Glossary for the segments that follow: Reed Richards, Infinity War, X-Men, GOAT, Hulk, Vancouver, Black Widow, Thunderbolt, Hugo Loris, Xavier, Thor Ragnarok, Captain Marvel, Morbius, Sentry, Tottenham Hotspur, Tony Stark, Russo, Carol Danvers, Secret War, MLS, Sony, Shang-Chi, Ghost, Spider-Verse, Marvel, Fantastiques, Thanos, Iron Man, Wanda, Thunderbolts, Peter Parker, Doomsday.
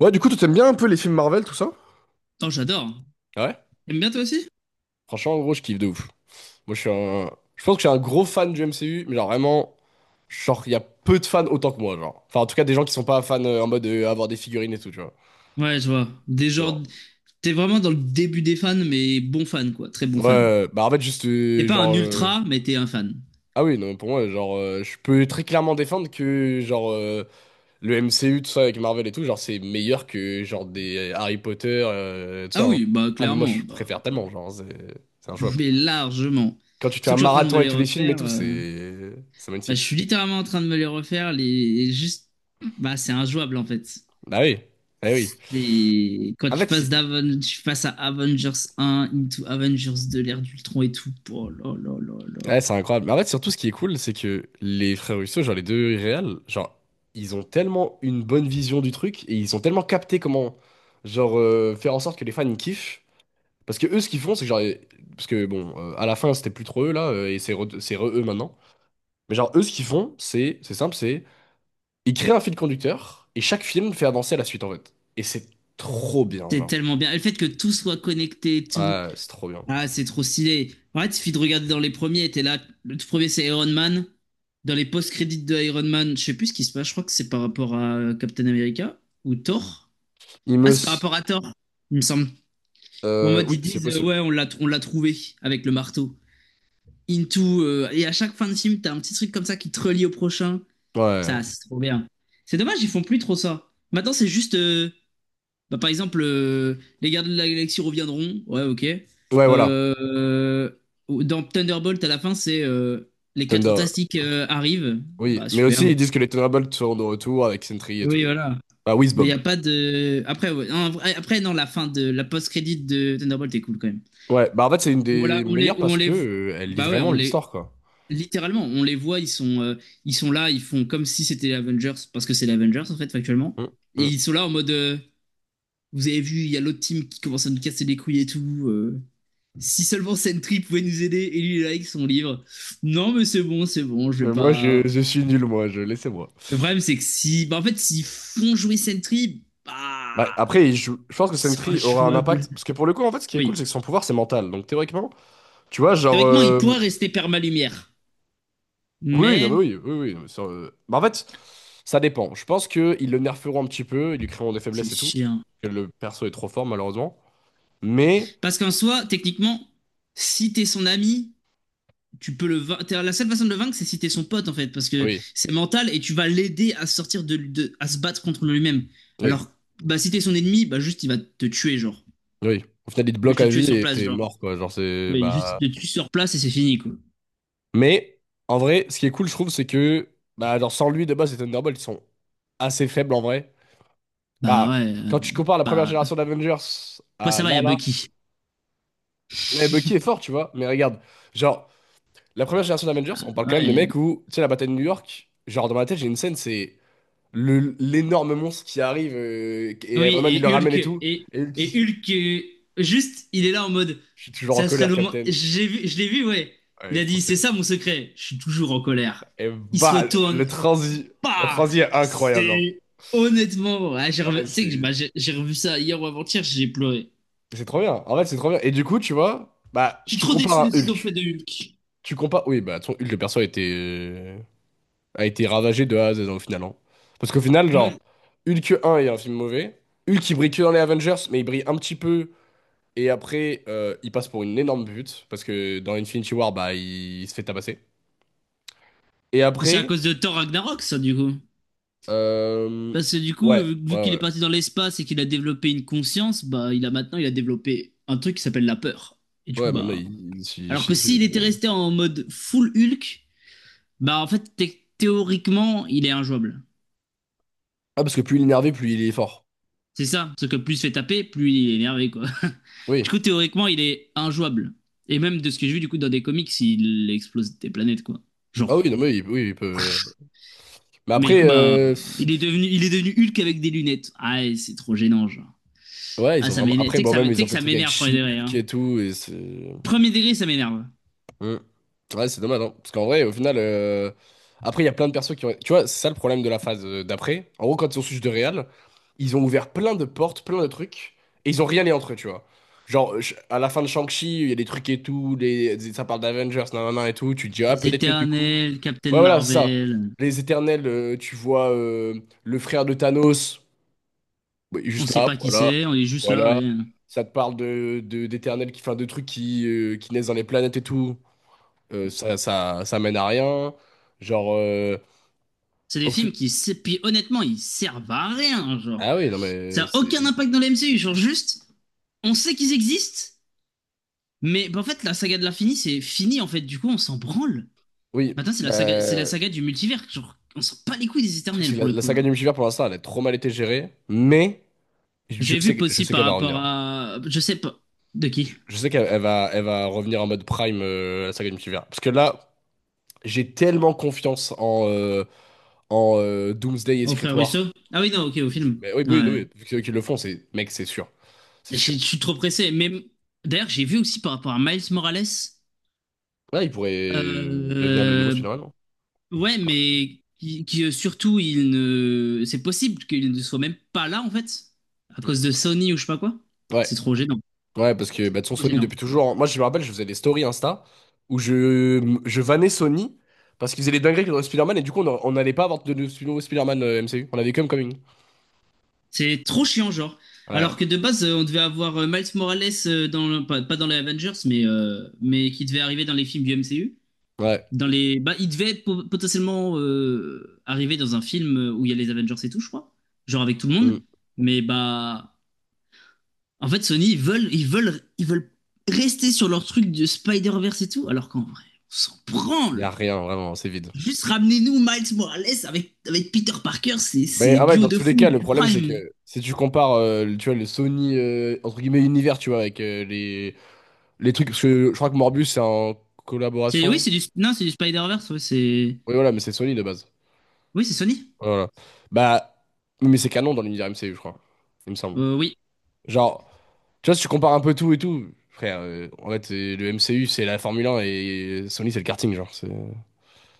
Ouais, du coup, tu t'aimes bien un peu les films Marvel, tout ça? Oh, j'adore. Ouais, T'aimes bien toi aussi? franchement, en gros, je kiffe de ouf. Moi, je suis un. Je pense que je suis un gros fan du MCU, mais genre vraiment, genre, il y a peu de fans autant que moi, genre. Enfin, en tout cas, des gens qui sont pas fans en mode avoir des figurines et tout, tu vois. Ouais, je vois. Des genres... Genre, T'es vraiment dans le début des fans, mais bon fan, quoi. Très bon ouais, fan. Bah en fait, juste, T'es pas un genre. Ultra, mais t'es un fan. Ah oui, non, pour moi, genre, je peux très clairement défendre que, genre, le MCU, tout ça, avec Marvel et tout, genre, c'est meilleur que, genre, des Harry Potter, tout ça, Ah hein. oui, bah Ah, mais moi, je clairement. Bah, préfère tellement, genre, c'est injouable. mais largement. Quand tu fais Surtout un que je suis en train de me marathon et les tous les films et refaire. tout, c'est Bah, je magnifique. suis littéralement en train de me les refaire. Les... Juste... Bah, c'est injouable, en fait. Bah oui, bah oui. Et quand En fait, si- tu passes à Avengers 1, into Avengers 2, l'ère d'Ultron et tout. Oh là là là là. Ouais, c'est incroyable. Mais en fait, surtout, ce qui est cool, c'est que les frères Russo, genre les deux réels, genre, ils ont tellement une bonne vision du truc et ils ont tellement capté comment, genre, faire en sorte que les fans ils kiffent. Parce que eux, ce qu'ils font, c'est que, genre, parce que bon, à la fin, c'était plus trop eux là, et c'est re eux maintenant. Mais genre, eux, ce qu'ils font, c'est simple, c'est ils créent un fil conducteur et chaque film fait avancer à la suite en fait. Et c'est trop bien, C'est genre. tellement bien. Et le fait que tout soit connecté et tout. Ouais, c'est trop bien. Ah, c'est trop stylé. En fait, il suffit de regarder dans les premiers, t'es là. Le tout premier, c'est Iron Man. Dans les post-crédits de Iron Man, je sais plus ce qui se passe, je crois que c'est par rapport à Captain America ou Thor. Ah, c'est Imus. par rapport à Thor, il me semble. Ou en mode, Oui, ils c'est disent, possible. ouais, on l'a trouvé avec le marteau. Into. Et à chaque fin de film, t'as un petit truc comme ça qui te relie au prochain. Ouais. Ça, c'est trop bien. C'est dommage, ils font plus trop ça. Maintenant, c'est juste, bah, par exemple, les gardiens de la galaxie reviendront. Ouais, ok. Ouais, voilà. Euh, dans Thunderbolt, à la fin, c'est les quatre Thunder. fantastiques arrivent. Oui. Bah, Mais super. aussi, ils disent que les Thunderbolts sont de retour avec Sentry et tout. Oui, voilà. Ah, Mais il n'y Bob. a pas de. Après, ouais, non, après, non, la fin de la post-crédit de Thunderbolt est cool quand même. Ouais. Bah, en fait, c'est une Voilà, des meilleures parce que elle lit bah ouais, vraiment l'histoire, quoi. littéralement, on les voit, ils sont là, ils font comme si c'était les Avengers, parce que c'est les Avengers en fait, factuellement. Hum, Et hum. ils sont là en mode, vous avez vu, il y a l'autre team qui commence à nous casser les couilles et tout. Si seulement Sentry pouvait nous aider et lui avec son livre. Non, mais c'est bon, je vais Mais moi, je, pas. je suis nul, moi. Je laissez-moi. Le problème, c'est que si. Bah, en fait, s'ils font jouer Sentry, Bah, bah. après, je pense que Ils sont Sentry aura un injouables. impact. Parce que pour le coup, en fait, ce qui est cool, c'est que Oui. son pouvoir, c'est mental. Donc, théoriquement, tu vois, genre. Théoriquement, il pourrait rester perma-lumière. Oui, oui, non, mais Mais. oui, oui, oui. Non, mais ça, bah, en fait, ça dépend. Je pense qu'ils le nerferont un petit peu, ils lui créeront des C'est faiblesses et tout. chiant. Que le perso est trop fort, malheureusement. Mais, Parce qu'en soi, techniquement, si t'es son ami, tu peux le vain- la seule façon de le vaincre, c'est si t'es son pote, en fait. Parce que oui, c'est mental et tu vas l'aider à sortir à se battre contre lui-même. oui, Alors, bah, si t'es son ennemi, bah, juste, il va te tuer, genre. oui. Au final, il te Je bloque te à tuer vie sur et place, t'es genre. mort, quoi. Genre, c'est. Oui, juste, Bah. il te tue sur place et c'est fini, quoi. Mais, en vrai, ce qui est cool, je trouve, c'est que. Bah, genre, sans lui, de base, les Thunderbolts ils sont assez faibles, en vrai. Bah Bah, ouais. Quand tu compares la première bah... génération d'Avengers Après, à ça va, il y là, a là. Bucky. Mais Bucky est fort, tu vois. Mais regarde, genre. La première génération d'Avengers, on parle quand même de Ouais. mecs où, tu sais, la bataille de New York, genre dans ma tête, j'ai une scène, c'est l'énorme monstre qui arrive et Oui, Iron Man, il le et ramène et Hulk. tout. Et, Et Hulk, et Hulk, juste, il est là en mode. je suis toujours en Ça serait colère, le moment. Captain. Je l'ai vu, ouais. Ouais, Il c'est a trop dit, c'est stylé. ça mon secret. Je suis toujours en colère. Et Il se bah, le retourne. transi, le Bah. transi est incroyable, hein. C'est. Honnêtement, ouais, Ouais, tu sais que bah, c'est j'ai revu ça hier ou avant-hier, j'ai pleuré. c'est trop bien. En fait, c'est trop bien. Et du coup, tu vois, bah, Je suis tu trop déçu compares de ce un qu'ils ont fait Hulk. de Hulk. Tu compares. Oui, bah, ton Hulk, le perso était. A été ravagé de A à Z au final, hein. Parce qu'au final, genre, Ouais. Hulk 1 est un film mauvais. Hulk, il brille que dans les Avengers, mais il brille un petit peu. Et après, il passe pour une énorme pute. Parce que dans Infinity War, bah, il se fait tabasser. Et C'est à après, cause de Thor Ragnarok, ça, du coup. euh, Parce que du coup, ouais, vu ouais, vu qu'il est ouais. parti dans l'espace et qu'il a développé une conscience, bah il a maintenant, il a développé un truc qui s'appelle la peur. Et du coup, Ouais, maintenant, bah. il s'y Alors chie que dessus. s'il Parce que. était resté en mode full Hulk, bah en fait, théoriquement, il est injouable. Ah, parce que plus il est énervé, plus il est fort. C'est ça, parce que plus il se fait taper, plus il est énervé, quoi. Du Oui. coup, théoriquement, il est injouable. Et même de ce que j'ai vu, du coup, dans des comics, il explose des planètes, quoi. Ah Genre. oui, non, mais oui, il peut, ouais. Mais Mais du après, coup, bah, il est devenu Hulk avec des lunettes. Ah, et c'est trop gênant, genre. ouais, Ah, ils ont ça vraiment. m'énerve. Tu Après, sais que bon, ça même, m'é- tu ils sais ont que fait le ça truc avec m'énerve, premier degré, She-Hulk hein. et tout. Premier degré, ça m'énerve. Mm. Ouais, c'est dommage, hein. Parce qu'en vrai, au final, après, il y a plein de persos qui ont. Tu vois, c'est ça le problème de la phase d'après. En gros, quand ils ont switch de Real, ils ont ouvert plein de portes, plein de trucs, et ils ont rien lié entre eux, tu vois. Genre, à la fin de Shang-Chi, il y a des trucs et tout, ça parle d'Avengers, nanana et tout, tu te dis, ah, Les peut-être que du coup. Éternels, Captain Ouais, voilà, c'est ça. Marvel, Les Éternels, tu vois le frère de Thanos, bah, il est on juste sait là, pas qui voilà, c'est, on est juste là, voilà. ouais. Ça te parle d'Éternels qui font de trucs qui naissent dans les planètes et tout. Ça mène à rien. Genre, C'est des au fut- films qui, puis honnêtement, ils servent à rien, genre. ah oui, non, Ça mais a aucun c'est. impact dans le MCU, genre juste, on sait qu'ils existent, mais bah, en fait, la saga de l'infini, c'est fini, en fait, du coup, on s'en branle. Oui, Maintenant, c'est bah, la saga, c'est la le saga du multivers, genre, on s'en pas les couilles des truc, Éternels, c'est que pour la, le la coup. saga Genre. du multivers, pour l'instant, elle a trop mal été gérée, mais J'ai vu je possible sais par qu'elle va rapport revenir. à, je sais pas, de Je, qui? je sais qu'elle elle va revenir en mode prime, la saga du multivers. Parce que là, j'ai tellement confiance en Doomsday et Au Secret frère War. Russo? Ah oui, non, ok, au film. Mais oui, oui, Ouais. oui, vu qu'ils le font, c'est, mec, c'est sûr. C'est sûr. Je suis trop pressé. Mais d'ailleurs, j'ai vu aussi par rapport à Miles Morales. Ouais, il pourrait devenir le nouveau euh, Spider-Man. ouais, mais qui, surtout, il ne. C'est possible qu'il ne soit même pas là en fait, à Oui. cause de Sony ou je sais pas quoi. Ouais. C'est trop gênant. Ouais, parce que C'est bah, de son trop Sony gênant. depuis toujours. Moi, je me rappelle, je faisais des stories Insta où je vannais Sony parce qu'ils faisaient des dingueries dans Spider-Man et du coup, on n'allait pas avoir de nouveau Spider-Man MCU. On avait comme Coming. C'est trop chiant, genre. Ouais, Alors que de base, on devait avoir Miles Morales pas dans les Avengers, mais qui devait arriver dans les films du MCU. ouais. Dans les... bah, il devait potentiellement arriver dans un film où il y a les Avengers et tout, je crois. Genre avec tout le monde. Il Mais bah. En fait, Sony, ils veulent rester sur leur truc de Spider-Verse et tout, alors qu'en vrai, on s'en y branle. a rien, vraiment, c'est vide. Juste ramenez-nous Miles Morales avec Peter Parker, c'est, Mais c'est ah ouais, duo dans de tous les fou cas, le du problème, c'est Prime. que si tu compares tu vois, le Sony, entre guillemets, univers, tu vois, avec les trucs. Parce que je crois que Morbus c'est en C'est, oui, collaboration. c'est du, non, c'est du Spider-Verse, ouais, c'est, Oui, voilà, mais c'est Sony de base. oui, c'est Sony. Voilà. Bah, mais c'est canon dans l'univers MCU, je crois. Il me semble. Oui, Genre. Tu vois, si tu compares un peu tout et tout, frère, en fait, le MCU, c'est la Formule 1 et Sony, c'est le karting, genre. C'est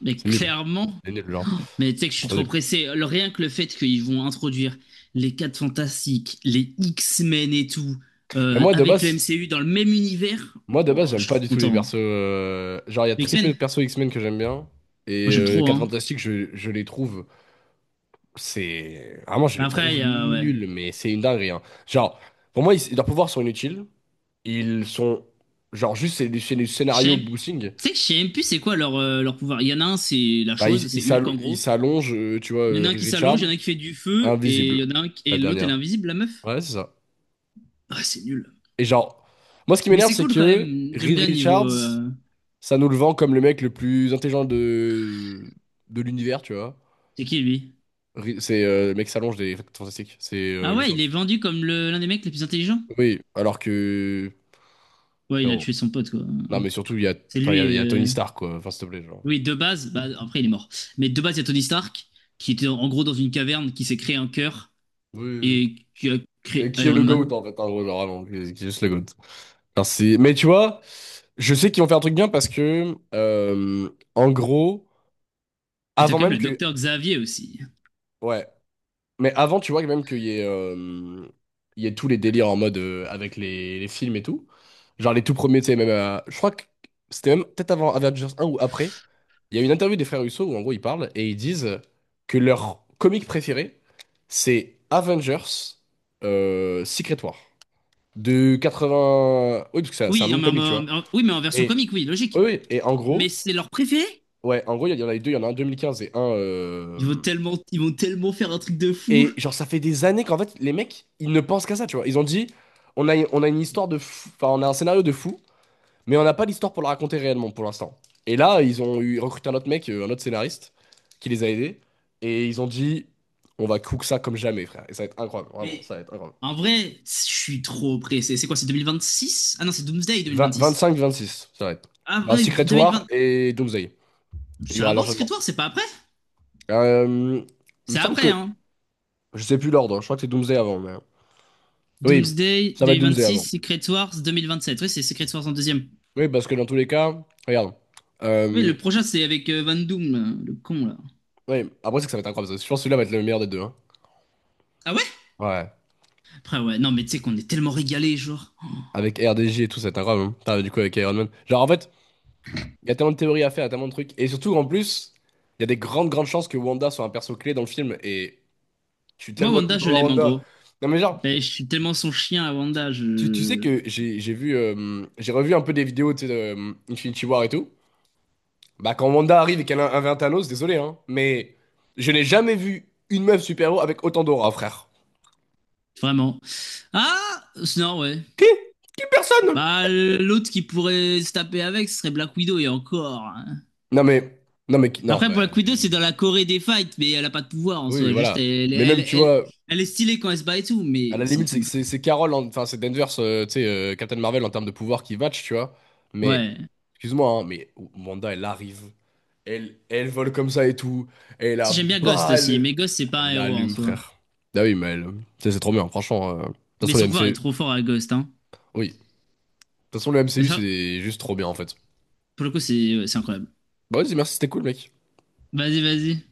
mais c'est nul. clairement. C'est nul, genre. Mais tu sais que je C'est suis trop trop nul. pressé. Rien que le fait qu'ils vont introduire les quatre Fantastiques, les X-Men et tout, Mais moi, de avec le base, MCU dans le même univers, moi, de base, oh, je j'aime suis pas trop du tout les content. persos. Genre, il y a Les très peu de X-Men, persos X-Men que j'aime bien. Et moi j'aime trop, 4 hein. Fantastiques, je les trouve. C'est. Vraiment, je les Après, il trouve y a, ouais. nuls, mais c'est une dinguerie, hein. Genre, pour moi, leurs pouvoirs sont inutiles. Ils sont. Genre, juste, c'est du Je sais scénario même- boosting. tu sais que je sais même plus c'est quoi leur pouvoir. Il y en a un, c'est la Bah, chose, c'est Hulk en ils gros. s'allongent, tu vois, Il y en a un Reed qui Richards. s'allonge, il y en a un qui fait du feu, et il Invisible, y en a et la l'autre, elle est dernière. invisible, la meuf. Ouais, c'est ça. Ah, c'est nul. Et genre, moi, ce qui Mais m'énerve, c'est c'est cool quand que même. J'aime Reed bien le niveau. Richards, ça nous le vend comme le mec le plus intelligent de l'univers, tu vois. C'est qui lui? C'est le mec qui s'allonge des Quatre fantastiques. C'est Ah le ouais, il est surtout. vendu comme l'un des mecs les plus intelligents. Oui, alors que. Ouais, il a Frérot. tué son pote, quoi. Non, mais surtout, C'est enfin, lui. Il y a Tony euh, Stark, quoi. Enfin, s'il te plaît, genre. Oui, de base, bah, après il est mort. Mais de base, il y a Tony Stark, qui était en gros dans une caverne, qui s'est créé un cœur Oui, oui, oui. et qui a Et créé qui est Iron le Man. GOAT, en fait, en gros, genre, vraiment, qui est juste le GOAT. Enfin, mais tu vois, je sais qu'ils vont faire un truc bien parce que, en gros, Et t'as avant quand même même le que. docteur Xavier aussi. Ouais. Mais avant, tu vois, même qu'il y ait tous les délires en mode avec les films et tout. Genre les tout premiers, tu sais, même. Je crois que c'était même peut-être avant Avengers un ou après. Il y a une interview des frères Russo où en gros ils parlent et ils disent que leur comic préféré, c'est Avengers Secret War. De 80. Oui, parce que c'est un Oui, nom de mais comic, tu vois. Oui, mais en version Et, comique, oui, oui, logique. oui, et en Mais gros, c'est leur préféré. ouais, en gros, il y en a les deux, il y en a un 2015 et un. Ils vont tellement, ils vont tellement faire un truc de fou. Et genre, ça fait des années qu'en fait, les mecs, ils ne pensent qu'à ça, tu vois. Ils ont dit, on a une histoire de fou, enfin, on a un scénario de fou, mais on n'a pas l'histoire pour le raconter réellement pour l'instant. Et là, ils ont recruté un autre mec, un autre scénariste, qui les a aidés. Et ils ont dit, on va cook ça comme jamais, frère. Et ça va être incroyable, vraiment, Mais ça va être incroyable. en vrai, je suis trop pressé. C'est quoi, c'est 2026? Ah non, c'est Doomsday 20 2026. 25, 26, ça va être. Il Ah y aura ouais, Secret War 2020. et Doomsday. Il y C'est aura avant Secret l'enchaînement. War, c'est pas après? Euh, il me C'est semble après, que, hein. je sais plus l'ordre, je crois que c'est Doomsday avant, mais... Oui, Doomsday ça va être Doomsday avant. 2026, Secret Wars 2027. Oui, c'est Secret Wars en deuxième. Oui, parce que dans tous les cas, regarde. Oui, Euh, le prochain, c'est avec Van Doom, là, le con, là. ouais, après, c'est que ça va être incroyable. Je pense que celui-là va être le meilleur des deux, hein. Ah ouais. Ouais. Après, ouais, non, mais tu sais qu'on est tellement régalés, genre. Avec RDJ et tout, ça va être incroyable, hein. Putain, du coup, avec Iron Man. Genre, en fait, il y a tellement de théories à faire, il y a tellement de trucs. Et surtout, en plus, il y a des grandes, grandes chances que Wanda soit un perso clé dans le film. Et je suis Moi, tellement heureux Wanda, de je voir l'aime, en Wanda. gros. Non, mais genre, Ben, je suis tellement son chien à tu, Wanda, tu sais je... que j'ai revu un peu des vidéos, tu sais, de Infinity War et tout. Bah, quand Wanda arrive et qu'elle a un Thanos, désolé, hein. Mais je n'ai jamais vu une meuf super-héros avec autant d'aura, frère. Vraiment. Ah, non, ouais. Qui? Qui personne? Bah, l'autre qui pourrait se taper avec, ce serait Black Widow, et encore, hein. Non mais, non mais, non Après, mais, Black Widow, c'est dans la Corée des fights, mais elle a pas de pouvoir, en oui soi. Juste, voilà. elle, Mais elle, même elle, tu elle vois, elle est stylée quand elle se bat et tout, à la mais c'est limite c'est tout, genre. c'est c'est Carol, enfin c'est Danvers, tu sais Captain Marvel en termes de pouvoir qui match, tu vois. Mais Ouais. excuse-moi, hein, mais Wanda elle arrive, elle vole comme ça et tout, et Si, la j'aime bien Ghost aussi, balle, mais Ghost, c'est pas elle un héros en l'allume, soi. frère. Ah oui mais elle, tu sais, c'est trop bien, franchement. De toute Mais façon le son pouvoir est MCU, trop fort à Ghost, hein. oui, de toute façon le Mais MCU ça, c'est juste trop bien en fait. pour le coup, c'est ouais, c'est incroyable. Bah vas-y merci, c'était cool, mec. Vas-y, vas-y.